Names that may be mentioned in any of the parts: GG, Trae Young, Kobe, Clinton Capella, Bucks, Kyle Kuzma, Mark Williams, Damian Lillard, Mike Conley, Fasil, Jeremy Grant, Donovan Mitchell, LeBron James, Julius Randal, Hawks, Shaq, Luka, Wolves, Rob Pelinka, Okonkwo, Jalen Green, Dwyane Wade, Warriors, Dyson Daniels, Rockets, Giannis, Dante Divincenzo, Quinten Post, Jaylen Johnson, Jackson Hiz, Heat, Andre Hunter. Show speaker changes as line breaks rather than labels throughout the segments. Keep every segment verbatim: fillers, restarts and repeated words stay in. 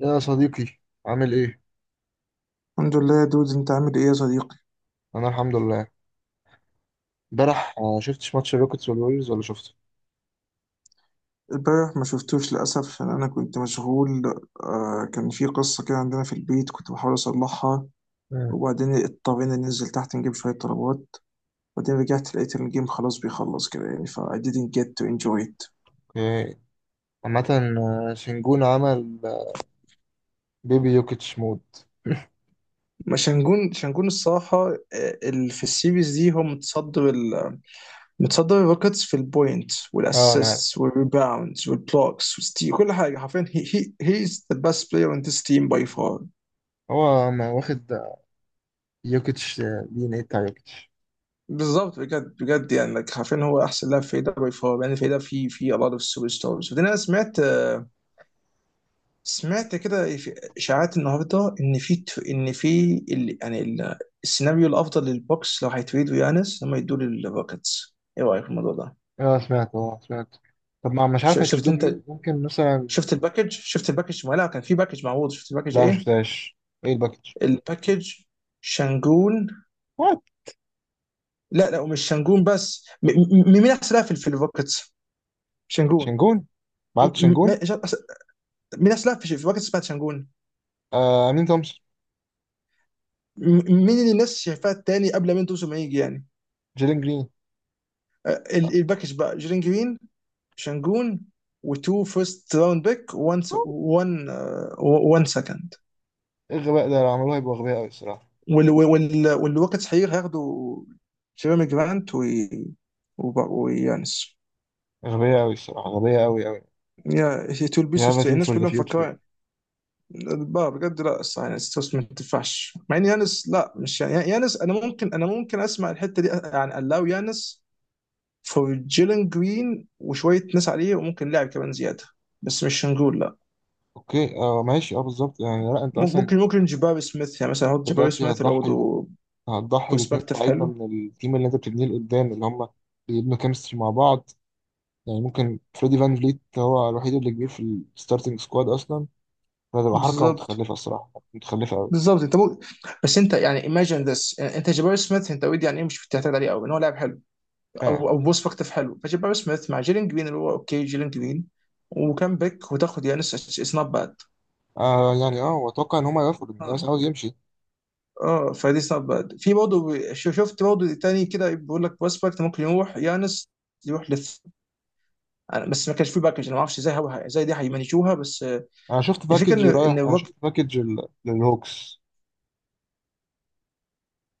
يا صديقي، عامل ايه؟
الحمد لله يا دود، انت عامل ايه يا صديقي؟
انا الحمد لله. امبارح آه، شفتش ماتش الروكيتس والوريوز ولا شفته؟
امبارح ما شفتوش للاسف، ان انا كنت مشغول. آه، كان في قصه كده عندنا في البيت كنت بحاول اصلحها،
مم.
وبعدين اضطرينا ننزل تحت نجيب شويه طلبات، وبعدين رجعت لقيت ان الجيم خلاص بيخلص كده، يعني ف I didn't get to enjoy it.
إيه، عامة. آه، شنجون عمل آه، بيبي يوكيتش مود.
ما شنجون، شنجون الصراحه. آه، ال- في السيريز دي هو متصدر ال متصدر الروكيتس في البوينت
اه، انا عارف.
والاسيستس والريباوندز والبلوكس والستي، كل حاجه حرفيا. He, he, he is the best player in this team by far.
هو ما واخد آه، يوكيتش. آه، دي ان ايه بتاع يوكيتش.
بالظبط، بجد بجد، يعني like حرفيا هو احسن لاعب في دوري، فهو يعني في ده في في a lot of superstars. وبعدين انا سمعت سمعت كده في اشاعات النهارده ان في ان في ال- يعني ال- السيناريو الافضل للبوكس لو هيتريدوا يانس، هم يدوا للروكيتس. ايه رايك في الموضوع ده؟
اه سمعت اه سمعت طب ما مش
ش-
عارف
شفت
هيتردوه
انت؟
بمين، ممكن مثلا.
شفت الباكج شفت الباكج، ما لا كان في باكج معروض. شفت الباكج
لا، مش
ايه؟
شفتهاش. ايه الباكج؟
الباكج، شانجون.
وات.
لا لا، ومش شانجون بس. م- م- مين احسن لاعب في في الروكيتس؟ شانجون.
شنجون،
م-
بعد
م-
شنجون.
مين اصلا في في باكج اسمها تشانجون؟
آه امين تومسون.
م- مين اللي الناس شايفاه التاني قبل مين توسو ما يجي يعني؟
جيلين جرين.
آه،
آه،
ال- الباكج بقى جيرين جرين، شانجون، وتو فيرست راوند بيك، وان وان آه، وان سكند.
ايه الغباء ده؟ لو عملوه هيبقوا غبية قوي الصراحة.
والوقت هيغ هياخدوا جيريمي جرانت و- وب- ويانس.
غبية قوي الصراحة، غبية قوي قوي.
يا هي تو
يا
البيسوس،
تيم
الناس
فور ذا
كلها
فيوتشر.
مفكره بقى بجد. لا الصراحه، يعني ستوس ما تنفعش، مع ان يانس، لا مش يعني يانس، انا ممكن انا ممكن اسمع الحته دي، يعني الاو يانس فور جيلن جرين وشويه ناس عليه، وممكن لاعب كمان زياده، بس مش هنقول لا.
اوكي، آه ماشي، اه بالظبط، يعني لا انت
مم-
اصلا
ممكن ممكن جباري سميث، يعني مثلا احط جباري
دلوقتي
سميث اللي
هتضحي
برضه
هتضحي باتنين
برسبكتيف
لعيبه
حلو.
من التيم اللي انت بتبنيه لقدام، اللي هم بيبنوا كيمستري مع بعض. يعني ممكن فريدي فان فليت هو الوحيد اللي كبير في الستارتنج سكواد اصلا. فهتبقى حركه
بالظبط.
متخلفه الصراحه، متخلفه قوي.
بالظبط انت ممكن، بس انت يعني imagine this، انت جباري سميث، انت اوريدي يعني ايه، مش بتعتمد عليه قوي ان هو لاعب حلو
اه
او او برسبكتيف حلو. فجباري سميث مع جيلين جرين اللي هو اوكي، جيلين جرين وكان باك، وتاخد يانس، اتس نوت باد.
آه يعني، اه واتوقع ان هم يوافقوا لان الناس
اه.
عاوز يمشي.
اه، فدي اتس نوت باد، في برضه شو- شفت برضه تاني كده بيقول لك بروسبكت ممكن يروح يانس يروح أنا- بس ما كانش في باكج، انا ما اعرفش ازاي هو- ازاي دي هيمانجوها، بس آه،
انا شفت
الفكره
باكج
ان ان
رايح، انا
الروك.
شفت باكج ال- للهوكس.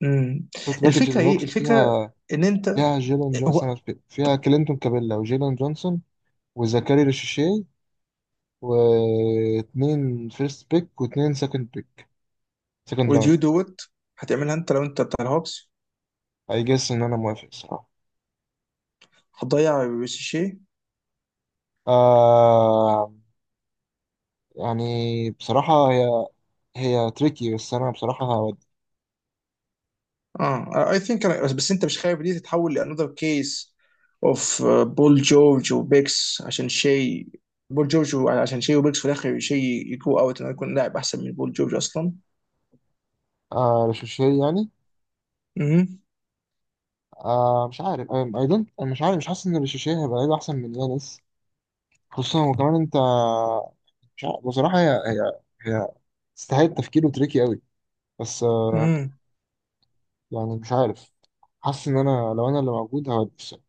مم.
شفت باكج
الفكره ايه؟
للهوكس،
الفكره
فيها.
ان انت،
فيها جيلان
هو
جونسون، فيها كلينتون كابيلا وجيلان جونسون وزكاري ريشيشي واتنين فيرست بيك واتنين سكند بيك، سكند
would
راوند.
you do it؟ هتعملها انت لو انت بتاع الهوكس؟
اي جس ان انا موافق الصراحة.
هتضيع ريشيشي؟
آه. يعني بصراحة، هي هي تريكي، بس انا بصراحة هودي.
اه اي ثينك، بس بس انت مش خايف دي تتحول لانذر كيس اوف بول جورج وبيكس عشان شيء؟ بول جورج و- عشان شيء وبيكس، في الاخر شيء يجو اوت انه يكون لاعب احسن من بول جورج اصلا.
آه، رشاشية يعني. آه، مش عارف، اي دونت، انا مش عارف مش حاسس ان رشاشية هيبقى لعيب احسن من يانس. خصوصا وكمان انت مش عارف. بصراحة هي هي هي تستاهل تفكير، وتريكي قوي. بس آه،
امم،
يعني مش عارف. حاسس ان انا لو انا اللي موجود هودي الصراحة.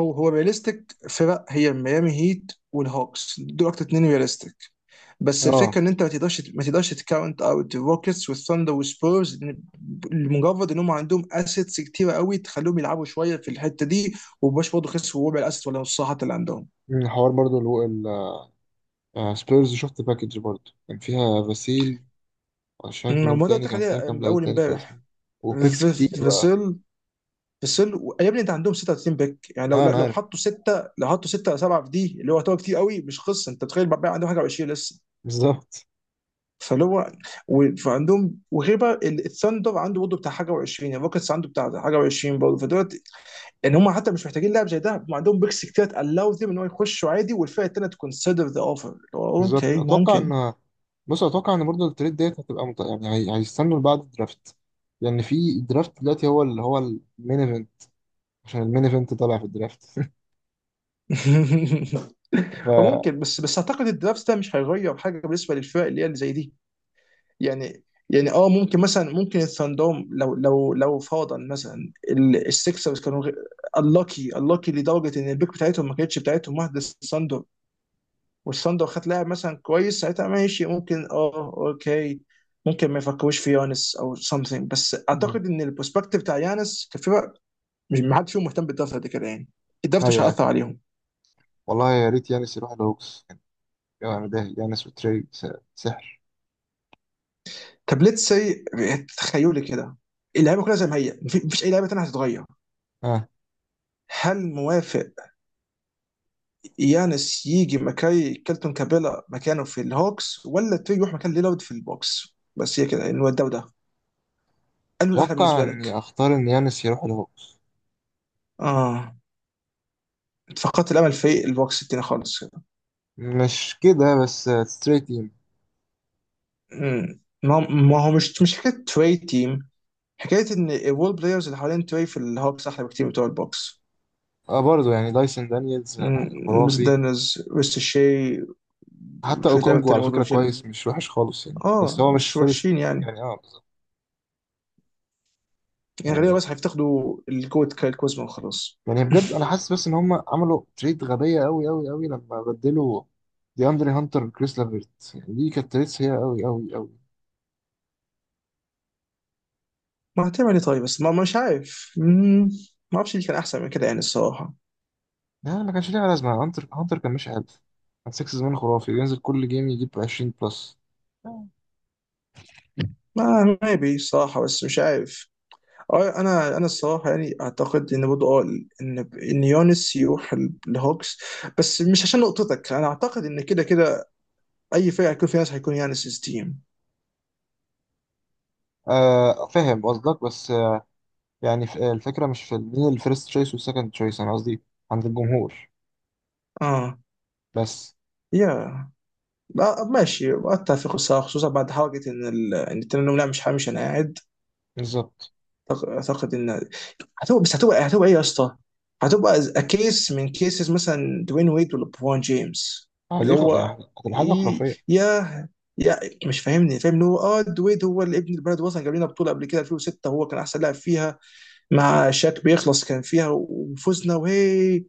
هو هو رياليستيك، فرق هي ميامي هيت والهوكس دول اكتر اتنين رياليستيك. بس
اه،
الفكره ان انت ما تقدرش ما تقدرش تكاونت اوت الروكيتس والثاندر والسبيرز، لأن لمجرد ان هم عندهم اسيتس كتيره قوي تخليهم يلعبوا شويه في الحته دي، ومبقاش برضه خسروا ربع الاسيتس ولا نصها حتى اللي عندهم.
الحوار برضو. آه سبيرز، شفت باكج برضه كان فيها فاسيل، مش عارف مين
أمم، وده
تاني كان فيها،
تخليها
كام لعيب
اول
تاني كويسين.
امبارح. في-
وبيكس كتير بقى.
فيسل، فيسل و- يا ابني انت عندهم ستة وتلاتين بيك، يعني لو
اه
لو
انا
لو
عارف.
حطوا سته، لو حطوا سته او سبعه في دي، اللي هو يعتبر كتير قوي، مش قصه. انت تخيل بقى عندهم حاجه و20 لسه.
بالظبط.
فاللي هو و- فعندهم، وغير بقى ال- الثاندر عنده برضه بتاع حاجه و20، الروكتس عنده بتاع حاجه و20 برضه. فدلوقتي ان هم حتى مش محتاجين لاعب زي ده، هم عندهم بيكس كتير، تالاو ذيم ان هو يخشوا عادي والفرقه الثانيه تكونسيدر ذا اوفر.
بالظبط،
اوكي،
اتوقع
ممكن.
ان، بص اتوقع ان برضه التريد ديت هتبقى مط... يعني هي... هيستنوا لبعد الدرافت. لان في الدرافت دلوقتي هو اللي هو المين ايفنت، عشان المين ايفنت طالع في الدرافت ف
وممكن، بس بس اعتقد الدرافت ده مش هيغير حاجه بالنسبه للفرق اللي هي اللي زي دي. يعني، يعني اه ممكن مثلا، ممكن الثاندوم، لو لو لو فرضا مثلا ال- السكسرز كانوا اللاكي اللاكي لدرجه ان البيك بتاعتهم ما كانتش بتاعتهم واحده، الثاندر والصن لو خد لاعب مثلا كويس، ساعتها ماشي، ممكن اه اوكي ممكن ما يفكروش في يانس او something. بس
مم.
اعتقد ان البروسبكتيف بتاع يانس كفرق، مش، ما حدش فيهم مهتم بالدرافت قد كده يعني. الدرافت مش
ايوه،
هيأثر
ايوه.
عليهم.
والله يا ريت يانس يروح الهوكس. يعني انا ده يانس وتري س- سحر.
طب ليتس سي، تخيلي كده، اللعيبه كلها زي ما هي، مفي- مفيش اي لعيبه تانيه هتتغير.
اه،
هل موافق يانس يجي مكاي كيلتون كابيلا مكانه في الهوكس، ولا تري يروح مكان ليلارد في البوكس؟ بس هي كده انه ده وده، انه الاحلى
اتوقع
بالنسبه لك.
اني اختار ان يانس يروح الهوكس.
اه، فقدت الامل في البوكس التاني خالص.
مش كده بس، ستريت.
مم. ما هو ما هو مش مش حكايه تري تيم، حكايه ان الول بلايرز اللي حوالين تري في الهوكس احلى بكتير بتوع البوكس.
اه برضه، يعني دايسون دانييلز آه،
مم. بس
خرافي.
دانز ويست شي،
حتى
وشويه لعيبه
اوكونجو
تانيه
على
برضه
فكره
جيلن،
كويس، مش وحش خالص يعني، بس
اه
هو مش
مش
فيرست.
وحشين يعني.
يعني اه، بالظبط.
يعني غالبا
يعني
بس هيفتقدوا الجوت كايل كوزما وخلاص.
يعني بجد انا حاسس بس ان هم عملوا تريد غبيه قوي قوي قوي، لما بدلوا دي اندري هانتر بكريس لافيرت. يعني دي كانت تريد سيئه قوي قوي قوي.
ما هتعمل ايه طيب، بس ما مش عارف. مم. ما اعرفش اللي كان احسن من كده يعني الصراحه.
لا، ما كانش ليها لازمه. هانتر، هانتر كان ماشي حلو. كان سيكس زمان خرافي، بينزل كل جيم يجيب عشرين بلس.
ما ما بي صراحه بس مش عارف. اه انا انا الصراحه يعني اعتقد ان برضه اه، ان ان يونس يروح ال- الهوكس، بس مش عشان نقطتك، انا اعتقد ان كده كده اي فرقه هيكون فيها ناس، هيكون يانس تيم.
آه فاهم قصدك، بس آه يعني، ف- الفكره مش في مين الفيرست تشويس والسكند تشويس. انا قصدي عند الجمهور
اه
بس.
يا، آه، ماشي، اتفق الصراحه، خصوصا بعد حركه ان ال... ان التنين، لا مش مش، انا قاعد
بالظبط.
أعتق- اعتقد ان، هتبقى بس هتبقى هتبقى ايه يا اسطى؟ هتبقى كيس من كيسز مثلا دوين ويد ولا برون جيمس،
آه،
اللي
دي خ- يعني
هو
هتبقى حاجة
إيه
خرافية.
يا، يا، مش فاهمني. فاهم ان هو اه دويد هو اللي ابن البلد، وصل جاب لنا بطوله قبل كده ألفين وستة، هو كان احسن لاعب فيها مع شاك بيخلص، كان فيها وفزنا وهي.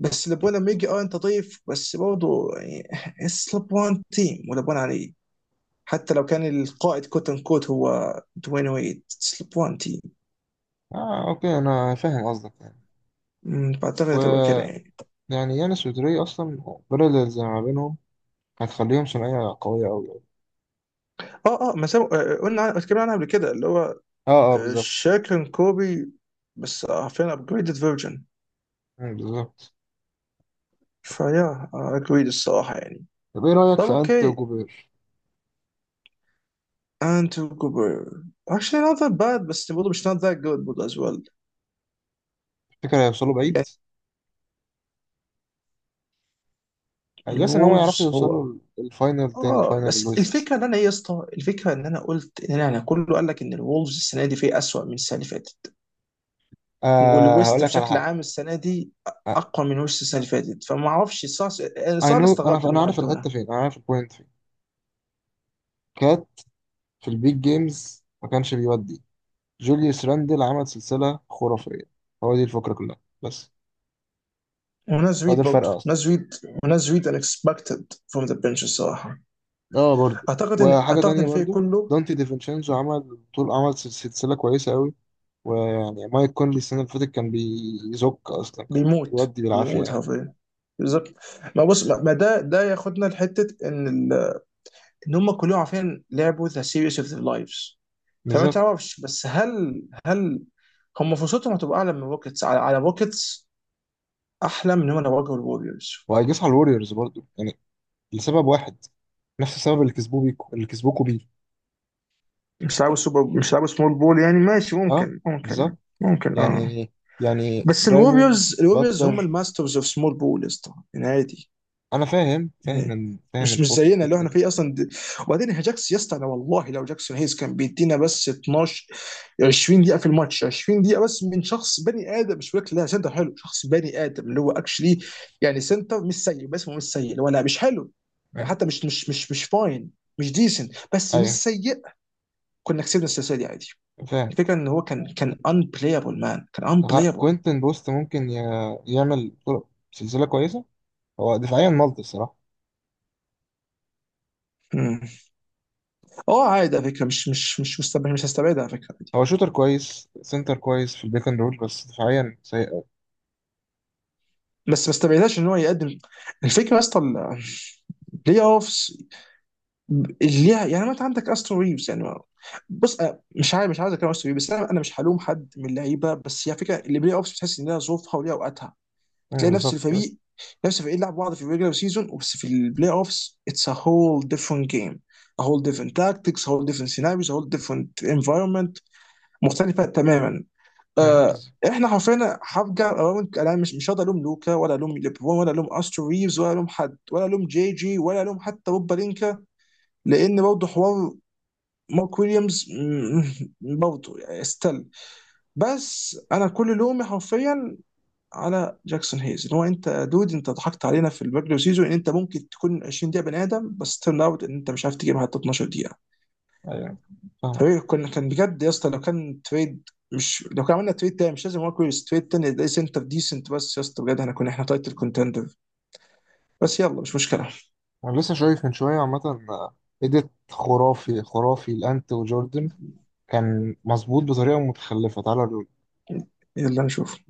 بس لبوان لما يجي، اه انت ضيف، بس برضه يعني اتس لبوان تيم ولبوان عليه، حتى لو كان القائد كوت ان كوت هو دوين ويد، اتس لبوان تيم.
اه اوكي، انا فاهم قصدك يعني.
أمم، فاعتقد هتبقى كده يعني.
ويعني يانس ودري اصلا، بارلز اللي ما بينهم هتخليهم ثنائية قوية اوي أوي.
اه اه ما سابوا، آه، آه، قلنا عن- اتكلمنا عنها قبل كده، اللي هو
اه اه، بالظبط.
شاكلين كوبي، بس فين ابجريدد فيرجن.
مم، بالظبط.
فيا اجريد الصراحه يعني.
طب ايه رأيك
طب
في انت
اوكي،
وجوبير؟
انتو كوبر actually not that bad، بس برضه مش not that good برضه as well.
تفتكر هيوصلوا بعيد؟
يعني
I guess ان هو يعرفوا
الولفز،
يوصلوا
هو
ال- الفاينل، تاني
اه
فاينل
بس
الويست.
الفكره ان انا، ايه يا اسطى، الفكره ان انا قلت ان انا، أنا كله قال لك ان الولفز السنه دي فيه اسوأ من السنه اللي فاتت،
آه، هقول
والويست
لك على
بشكل
حاجة.
عام السنه دي
آه،
اقوى من وش السنه اللي فاتت، فما اعرفش صار
I
صار،
know،
استغربت
انا انا
انهم
عارف
عدونا.
الحتة فين، انا عارف البوينت فين. كات في البيج جيمز ما كانش بيودي. جوليوس راندل عمل سلسلة خرافية. هو دي الفكرة كلها بس.
وناس
هو ده
ريد
الفرق
برضه
اصلا.
ناس ريد، وناس ريد unexpected from the bench الصراحه.
اه برضه.
اعتقد ان
وحاجه
اعتقد ان
تانية
الفريق
برضو،
كله
دانتي ديفينشينزو عمل طول عمل سل- سلسله كويسه قوي. ويعني مايك كونلي السنه اللي فاتت كان بيزك اصلا، كان
بيموت،
بيودي بالعافيه
بيموت
يعني.
حرفيا. بالظبط. ما بص، ما ما ده ده ياخدنا لحته ان ال... ان هم كلهم عارفين لعبوا ذا سيريس اوف ذا لايفز. فما
بالظبط.
تعرفش، بس هل هل هم فرصتهم هتبقى اعلى من روكيتس على على روكيتس، احلى من هم لو واجهوا الوريورز؟
وهيجيس على الوريورز برضو يعني، لسبب واحد: نفس السبب اللي كسبوه بيكو، اللي كسبوكوا بيه.
مش لعبوا سوبر مش لعبوا سمول بول يعني، ماشي،
اه
ممكن ممكن
بالظبط.
ممكن اه.
يعني يعني
بس
دايموند
الوريوز، الوريوز هم
باتلر.
الماسترز اوف سمول بول يا اسطى، يعني عادي.
انا فاهم، فاهم
إيه.
ال- فاهم
مش مش
الفوق
زينا اللي
الفكره
احنا
دي.
فيه اصلا د... وبعدين هي جاكس، يا اسطى انا والله لو جاكسون هيز كان بيدينا بس اتناشر عشرين دقيقه في الماتش، عشرين دقيقه بس، من شخص بني ادم، مش بقول لا سنتر حلو، شخص بني ادم اللي هو اكشلي، يعني سنتر مش سيء، بس هو مش سيء اللي هو لا مش حلو يعني،
آه.
حتى مش مش مش مش فاين، مش ديسنت، بس مش
ايوه،
سيء. كنا كسبنا السلسله دي عادي.
فاهم.
الفكره ان هو كان كان unplayable، مان، كان
طب، ها-
unplayable.
كوينتن بوست ممكن ي- يعمل طرق- سلسله كويسه. هو دفاعيا مالتي الصراحة.
مم. اه عادي على فكره، مش مش مش مستبعد، مش هستبعدها على فكره دي.
هو شوتر كويس، سنتر كويس في البيك اند رول، بس دفاعيا سيء أوي.
بس ما استبعدهاش ان هو يقدم. الفكره يا اسطى، البلاي اوفز اللي ليها يعني، ما انت عندك استرو ريفز يعني، ما- بص أنا مش عارف، مش عايز اتكلم عن استرو ريفز، بس انا انا مش هلوم حد من اللعيبه، بس هي فكره البلاي اوفز بتحس ان لها ظروفها وليها اوقاتها.
أمم،
بتلاقي نفس
بالظبط كده.
الفريق، نفس الفريق لعب بعض في الريجلر سيزون، بس في البلاي اوفز اتس ا هول ديفرنت جيم، a whole
أمم.
different tactics, a whole different scenarios, a whole different environment. مختلفه تماما.
أمم،
آه.
بالظبط.
احنا حرفيا هرجع ألوم- انا مش مش هقدر الوم لوكا، ولا الوم ليبرون، ولا الوم استرو ريفز، ولا الوم حد، ولا الوم جي جي، ولا الوم حتى روب بلينكا، لان برضه حوار مارك ويليامز م- برضه يعني استل. بس انا كل لومي حرفيا على جاكسون هيز، ان هو انت يا دود انت ضحكت علينا في الريجولر سيزون ان انت ممكن تكون عشرين دقيقه بني ادم، بس ترن اوت ان انت مش عارف تجيب حتى اتناشر دقيقه.
أيوه، فاهمة.
فريق كنا، كان بجد يا اسطى، لو كان تريد، مش لو كان عملنا تريد تاني، مش لازم ويكورز تريد تاني ده سنتر ديسنت، بس يا اسطى بجد احنا كنا، احنا تايتل كونتندر. بس يلا مش مشكله.
أنا لسه شايف من شوية عامة إيديت خرافي خرافي لأنت وجوردن، كان مظبوط بطريقة متخلفة، تعالى.
يلا نشوف.